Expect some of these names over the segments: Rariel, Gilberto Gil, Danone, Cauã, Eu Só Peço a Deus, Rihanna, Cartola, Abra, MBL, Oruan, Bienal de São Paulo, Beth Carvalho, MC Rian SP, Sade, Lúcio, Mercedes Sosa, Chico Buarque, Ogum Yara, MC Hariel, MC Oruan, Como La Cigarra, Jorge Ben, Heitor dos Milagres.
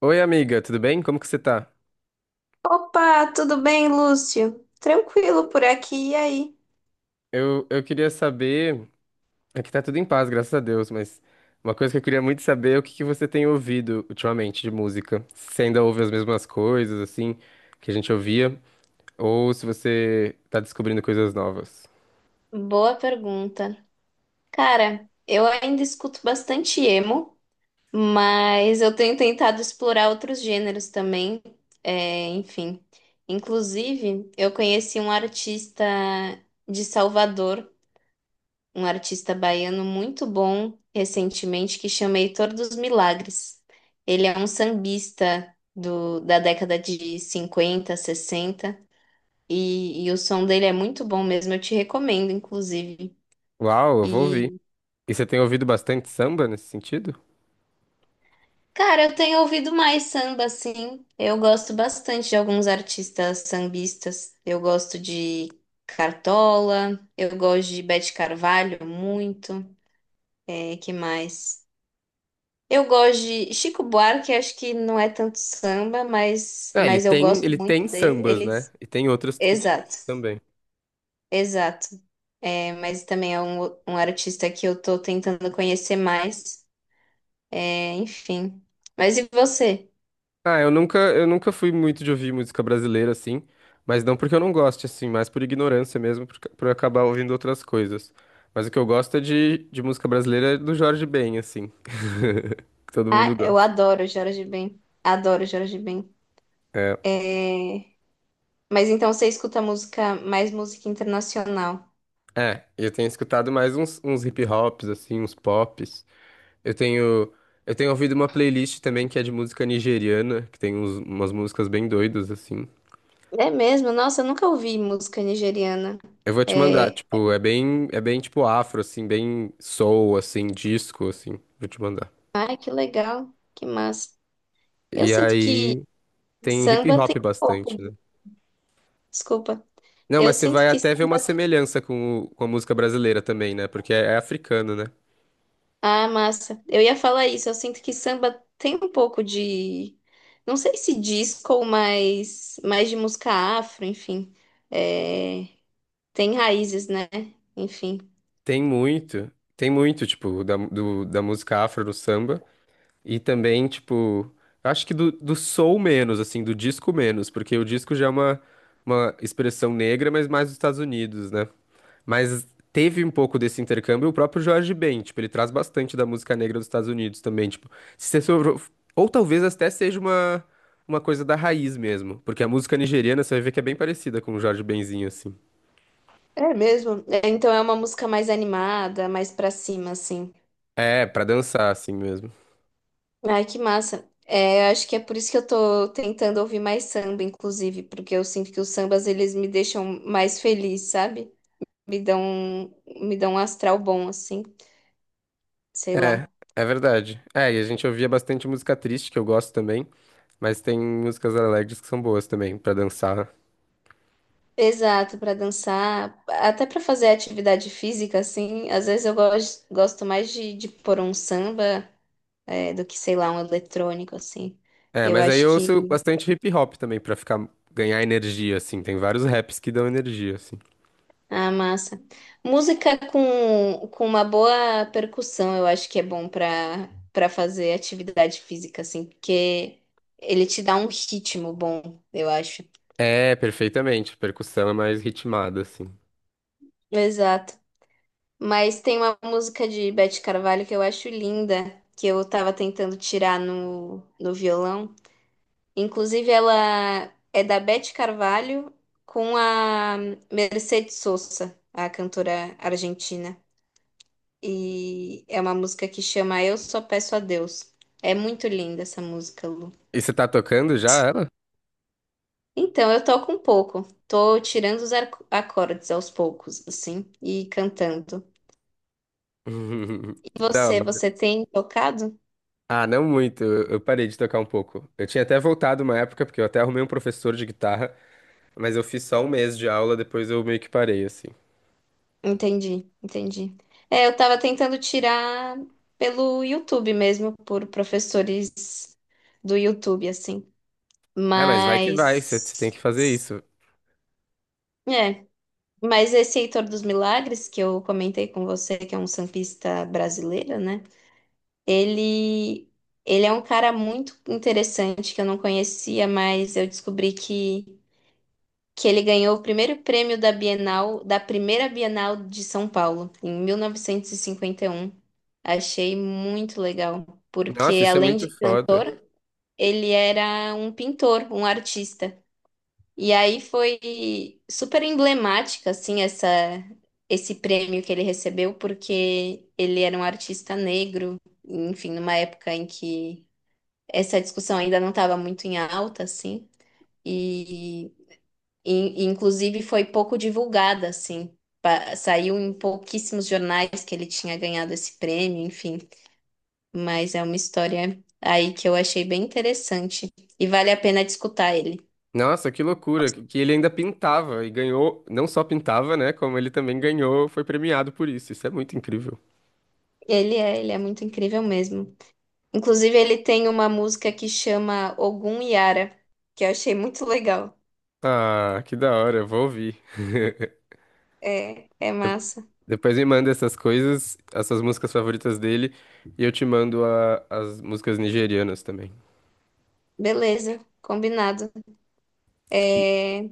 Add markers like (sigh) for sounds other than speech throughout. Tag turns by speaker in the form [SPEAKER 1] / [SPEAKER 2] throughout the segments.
[SPEAKER 1] Oi, amiga, tudo bem? Como que você tá?
[SPEAKER 2] Opa, tudo bem, Lúcio? Tranquilo por aqui, e aí?
[SPEAKER 1] Eu queria saber. Aqui tá tudo em paz, graças a Deus, mas uma coisa que eu queria muito saber é o que que você tem ouvido ultimamente de música. Se você ainda ouve as mesmas coisas, assim, que a gente ouvia, ou se você tá descobrindo coisas novas.
[SPEAKER 2] Boa pergunta. Cara, eu ainda escuto bastante emo, mas eu tenho tentado explorar outros gêneros também, enfim. Inclusive, eu conheci um artista de Salvador, um artista baiano muito bom recentemente, que chama Heitor dos Milagres. Ele é um sambista da década de 50, 60. E o som dele é muito bom mesmo, eu te recomendo, inclusive.
[SPEAKER 1] Uau, eu vou ouvir.
[SPEAKER 2] E,
[SPEAKER 1] E você tem ouvido bastante samba nesse sentido?
[SPEAKER 2] cara, eu tenho ouvido mais samba, assim. Eu gosto bastante de alguns artistas sambistas. Eu gosto de Cartola, eu gosto de Beth Carvalho muito. É, que mais? Eu gosto de Chico Buarque, acho que não é tanto samba, mas,
[SPEAKER 1] É,
[SPEAKER 2] mas eu gosto
[SPEAKER 1] ele tem
[SPEAKER 2] muito dele.
[SPEAKER 1] sambas,
[SPEAKER 2] Ele...
[SPEAKER 1] né? E tem outras que
[SPEAKER 2] Exato,
[SPEAKER 1] também.
[SPEAKER 2] exato. É, mas também é um artista que eu tô tentando conhecer mais. Enfim. Mas e você?
[SPEAKER 1] Ah, eu nunca fui muito de ouvir música brasileira, assim, mas não porque eu não goste, assim, mas por ignorância mesmo, por, por acabar ouvindo outras coisas. Mas o que eu gosto é de música brasileira do Jorge Ben, assim, que todo
[SPEAKER 2] Ah,
[SPEAKER 1] mundo
[SPEAKER 2] eu
[SPEAKER 1] gosta.
[SPEAKER 2] adoro Jorge Ben. Adoro Jorge Ben.
[SPEAKER 1] É,
[SPEAKER 2] É... Mas então você escuta música, mais música internacional.
[SPEAKER 1] é, eu tenho escutado mais uns hip hops, assim, uns pops. Eu tenho, eu tenho ouvido uma playlist também que é de música nigeriana, que tem umas músicas bem doidas, assim.
[SPEAKER 2] É mesmo? Nossa, eu nunca ouvi música nigeriana.
[SPEAKER 1] Eu vou te mandar,
[SPEAKER 2] É...
[SPEAKER 1] tipo, é bem tipo afro, assim, bem soul, assim, disco, assim. Vou te mandar.
[SPEAKER 2] Ai, que legal. Que massa. Eu
[SPEAKER 1] E
[SPEAKER 2] sinto que
[SPEAKER 1] aí tem hip
[SPEAKER 2] samba tem
[SPEAKER 1] hop
[SPEAKER 2] um pouco
[SPEAKER 1] bastante, né?
[SPEAKER 2] de... Desculpa.
[SPEAKER 1] Não,
[SPEAKER 2] Eu
[SPEAKER 1] mas você
[SPEAKER 2] sinto
[SPEAKER 1] vai
[SPEAKER 2] que...
[SPEAKER 1] até ver uma semelhança com, com a música brasileira também, né? Porque é, é africano, né?
[SPEAKER 2] Ah, massa. Eu ia falar isso. Eu sinto que samba tem um pouco de... Não sei se disco, mas mais de música afro, enfim. É... Tem raízes, né? Enfim.
[SPEAKER 1] Tem muito, tem muito, tipo, da música afro no samba. E também, tipo, acho que do soul menos, assim, do disco menos, porque o disco já é uma expressão negra, mas mais dos Estados Unidos, né? Mas teve um pouco desse intercâmbio o próprio Jorge Ben, tipo, ele traz bastante da música negra dos Estados Unidos também, tipo, se você sobrou... ou talvez até seja uma coisa da raiz mesmo, porque a música nigeriana você vai ver que é bem parecida com o Jorge Benzinho assim.
[SPEAKER 2] É mesmo. É, então é uma música mais animada, mais pra cima, assim.
[SPEAKER 1] É, pra dançar assim mesmo.
[SPEAKER 2] Ai, que massa. É, eu acho que é por isso que eu tô tentando ouvir mais samba, inclusive, porque eu sinto que os sambas eles me deixam mais feliz, sabe? Me dão um astral bom, assim, sei
[SPEAKER 1] É,
[SPEAKER 2] lá.
[SPEAKER 1] é verdade. É, e a gente ouvia bastante música triste que eu gosto também, mas tem músicas alegres que são boas também pra dançar.
[SPEAKER 2] Exato, pra dançar, até pra fazer atividade física, assim. Às vezes eu gosto mais de pôr um samba, do que, sei lá, um eletrônico, assim.
[SPEAKER 1] É,
[SPEAKER 2] Eu
[SPEAKER 1] mas aí
[SPEAKER 2] acho
[SPEAKER 1] eu ouço
[SPEAKER 2] que
[SPEAKER 1] bastante hip hop também pra ficar ganhar energia assim, tem vários raps que dão energia assim.
[SPEAKER 2] Ah, massa. Música com uma boa percussão, eu acho que é bom para fazer atividade física, assim, porque ele te dá um ritmo bom, eu acho.
[SPEAKER 1] É, perfeitamente. Percussão é mais ritmada, assim.
[SPEAKER 2] Exato. Mas tem uma música de Beth Carvalho que eu acho linda, que eu tava tentando tirar no violão. Inclusive, ela é da Beth Carvalho com a Mercedes Sosa, a cantora argentina. E é uma música que chama Eu Só Peço a Deus. É muito linda essa música, Lu.
[SPEAKER 1] E você tá tocando já ela?
[SPEAKER 2] Então, eu toco um pouco. Tô tirando os acordes aos poucos, assim, e cantando.
[SPEAKER 1] (laughs)
[SPEAKER 2] E
[SPEAKER 1] Que da
[SPEAKER 2] você,
[SPEAKER 1] hora.
[SPEAKER 2] você tem tocado?
[SPEAKER 1] Ah, não muito. Eu parei de tocar um pouco. Eu tinha até voltado uma época, porque eu até arrumei um professor de guitarra, mas eu fiz só um mês de aula, depois eu meio que parei, assim.
[SPEAKER 2] Entendi, entendi. É, eu tava tentando tirar pelo YouTube mesmo, por professores do YouTube, assim.
[SPEAKER 1] Ah, mas vai que vai, você tem
[SPEAKER 2] Mas,
[SPEAKER 1] que fazer isso.
[SPEAKER 2] é, mas esse Heitor dos Milagres, que eu comentei com você, que é um sambista brasileiro, né? Ele, ele é um cara muito interessante que eu não conhecia, mas eu descobri que ele ganhou o primeiro prêmio da Bienal, da primeira Bienal de São Paulo, em mil novecentos e cinquenta e um. Achei muito legal,
[SPEAKER 1] Nossa,
[SPEAKER 2] porque
[SPEAKER 1] isso é
[SPEAKER 2] além
[SPEAKER 1] muito
[SPEAKER 2] de
[SPEAKER 1] foda.
[SPEAKER 2] cantor, ele era um pintor, um artista. E aí foi super emblemática, assim, essa, esse prêmio que ele recebeu, porque ele era um artista negro enfim, numa época em que essa discussão ainda não estava muito em alta, assim, e, e- inclusive foi pouco divulgada, assim. Saiu em pouquíssimos jornais que ele tinha ganhado esse prêmio, enfim. Mas é uma história aí que eu achei bem interessante e vale a pena de escutar ele.
[SPEAKER 1] Nossa, que loucura, que ele ainda pintava e ganhou, não só pintava, né, como ele também ganhou, foi premiado por isso. Isso é muito incrível.
[SPEAKER 2] Ele é muito incrível mesmo. Inclusive, ele tem uma música que chama Ogum Yara, que eu achei muito legal.
[SPEAKER 1] Ah, que da hora, eu vou ouvir.
[SPEAKER 2] É massa.
[SPEAKER 1] Depois me manda essas coisas, essas músicas favoritas dele, e eu te mando as músicas nigerianas também.
[SPEAKER 2] Beleza, combinado.
[SPEAKER 1] E-
[SPEAKER 2] É,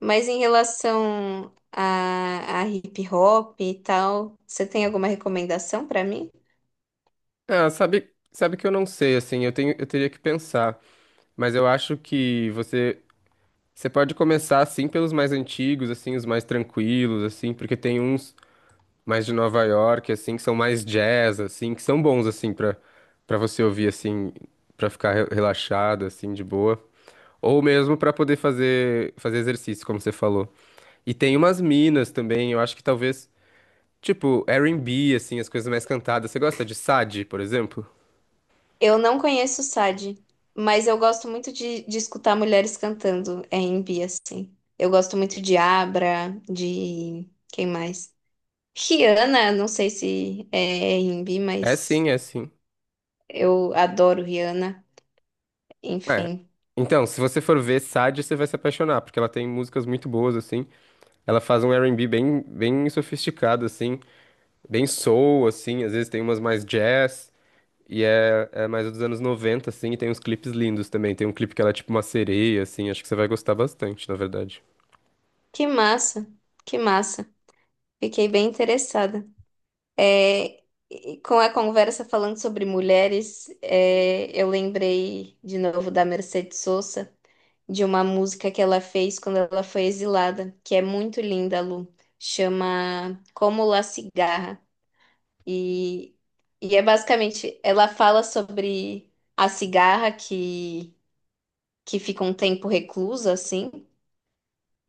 [SPEAKER 2] Mas em relação a hip hop e tal, você tem alguma recomendação pra mim?
[SPEAKER 1] Ah, sabe, sabe que eu não sei, assim, eu tenho, eu teria que pensar, mas eu acho que você, você pode começar, assim, pelos mais antigos, assim, os mais tranquilos, assim, porque tem uns mais de Nova York, assim, que são mais jazz, assim, que são bons, assim, pra, pra você ouvir, assim, pra ficar relaxado, assim, de boa. Ou mesmo pra poder fazer, fazer exercício, como você falou. E tem umas minas também, eu acho que talvez, tipo, R&B, assim, as coisas mais cantadas. Você gosta de Sade, por exemplo?
[SPEAKER 2] Eu não conheço o Sade, mas eu gosto muito de escutar mulheres cantando é R&B, assim. Eu gosto muito de Abra, de... quem mais? Rihanna, não sei se é R&B,
[SPEAKER 1] É
[SPEAKER 2] mas
[SPEAKER 1] sim, é sim.
[SPEAKER 2] eu adoro Rihanna.
[SPEAKER 1] É.
[SPEAKER 2] Enfim,
[SPEAKER 1] Então, se você for ver Sade, você vai se apaixonar, porque ela tem músicas muito boas, assim. Ela faz um R&B bem, bem sofisticado, assim, bem soul, assim, às vezes tem umas mais jazz, e é, é mais dos anos 90 assim, e tem uns clipes lindos também. Tem um clipe que ela é tipo uma sereia, assim, acho que você vai gostar bastante, na verdade.
[SPEAKER 2] que massa, que massa. Fiquei bem interessada. É, e com a conversa falando sobre mulheres, é, eu lembrei de novo da Mercedes Sosa, de uma música que ela fez quando ela foi exilada, que é muito linda, Lu. Chama Como La Cigarra. E, e é basicamente, ela fala sobre a cigarra que fica um tempo reclusa, assim,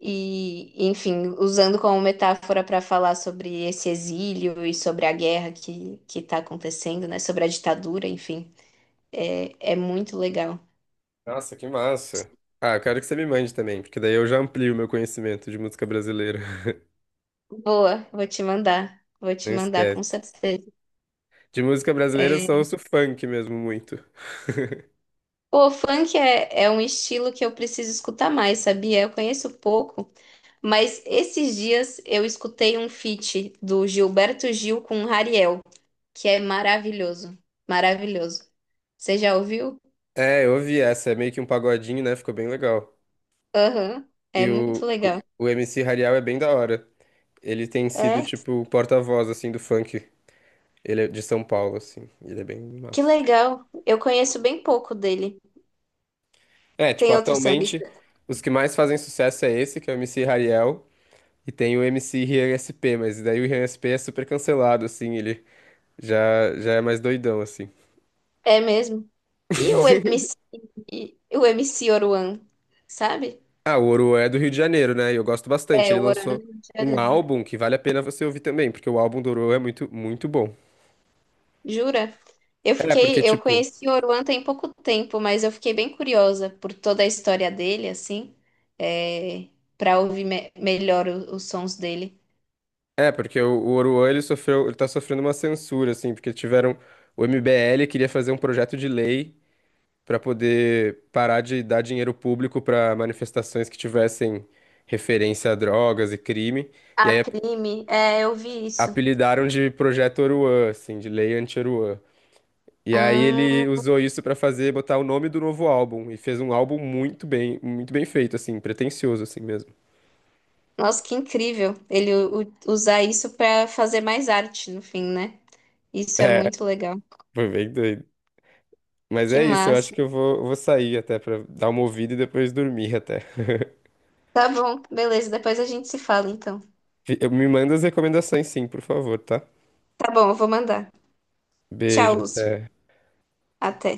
[SPEAKER 2] e, enfim, usando como metáfora para falar sobre esse exílio e sobre a guerra que está acontecendo, né? Sobre a ditadura, enfim, é muito legal.
[SPEAKER 1] Nossa, que massa. Ah, eu quero que você me mande também, porque daí eu já amplio o meu conhecimento de música brasileira. (laughs)
[SPEAKER 2] Boa, vou te
[SPEAKER 1] Não
[SPEAKER 2] mandar
[SPEAKER 1] esquece.
[SPEAKER 2] com certeza.
[SPEAKER 1] De música brasileira eu só
[SPEAKER 2] É,
[SPEAKER 1] ouço funk mesmo muito.
[SPEAKER 2] Pô, funk é um estilo que eu preciso escutar mais, sabia? Eu conheço pouco, mas esses dias eu escutei um feat do Gilberto Gil com Rariel, que é maravilhoso, maravilhoso. Você já ouviu?
[SPEAKER 1] É, eu ouvi essa, é meio que um pagodinho, né? Ficou bem legal.
[SPEAKER 2] Aham, é
[SPEAKER 1] E
[SPEAKER 2] muito legal.
[SPEAKER 1] o MC Hariel é bem da hora. Ele tem sido,
[SPEAKER 2] É,
[SPEAKER 1] tipo, o porta-voz, assim, do funk. Ele é de São Paulo, assim. Ele é bem
[SPEAKER 2] que
[SPEAKER 1] massa.
[SPEAKER 2] legal. Eu conheço bem pouco dele.
[SPEAKER 1] É, tipo,
[SPEAKER 2] Tem outro
[SPEAKER 1] atualmente,
[SPEAKER 2] sambista?
[SPEAKER 1] os que mais fazem sucesso é esse, que é o MC Hariel. E tem o MC Rian SP, mas daí o Rian SP é super cancelado, assim, ele... Já, já é mais doidão, assim.
[SPEAKER 2] É mesmo. E o MC, e o MC Oruan, sabe?
[SPEAKER 1] Ah, o Oruan é do Rio de Janeiro, né? E eu gosto bastante.
[SPEAKER 2] É,
[SPEAKER 1] Ele
[SPEAKER 2] o Oruan do
[SPEAKER 1] lançou
[SPEAKER 2] Rio de
[SPEAKER 1] um
[SPEAKER 2] Janeiro.
[SPEAKER 1] álbum que vale a pena você ouvir também, porque o álbum do Ouro é muito, muito bom.
[SPEAKER 2] Jura? Eu
[SPEAKER 1] É,
[SPEAKER 2] fiquei,
[SPEAKER 1] porque,
[SPEAKER 2] eu
[SPEAKER 1] tipo,
[SPEAKER 2] conheci o Oruan tem pouco tempo, mas eu fiquei bem curiosa por toda a história dele, assim, é, para ouvir melhor os sons dele.
[SPEAKER 1] é, porque o Oruan, ele sofreu, ele tá sofrendo uma censura, assim, porque tiveram, o MBL queria fazer um projeto de lei pra poder parar de dar dinheiro público pra manifestações que tivessem referência a drogas e crime, e
[SPEAKER 2] Ah,
[SPEAKER 1] aí
[SPEAKER 2] crime. É, eu vi isso.
[SPEAKER 1] apelidaram de Projeto Oruan, assim, de Lei Anti-Oruan. E aí ele
[SPEAKER 2] Ah.
[SPEAKER 1] usou isso pra fazer, botar o nome do novo álbum. E fez um álbum muito bem feito, assim, pretensioso, assim mesmo. (laughs)
[SPEAKER 2] Nossa, que incrível ele usar isso para fazer mais arte no fim, né? Isso é
[SPEAKER 1] É,
[SPEAKER 2] muito legal.
[SPEAKER 1] foi bem doido. Mas
[SPEAKER 2] Que
[SPEAKER 1] é isso, eu acho
[SPEAKER 2] massa.
[SPEAKER 1] que eu vou, vou sair até pra dar uma ouvida e depois dormir até.
[SPEAKER 2] Tá bom, beleza. Depois a gente se fala, então.
[SPEAKER 1] Fi- Eu me manda as recomendações, sim, por favor, tá?
[SPEAKER 2] Tá bom, eu vou mandar. Tchau,
[SPEAKER 1] Beijo,
[SPEAKER 2] Lúcio.
[SPEAKER 1] até.
[SPEAKER 2] Até.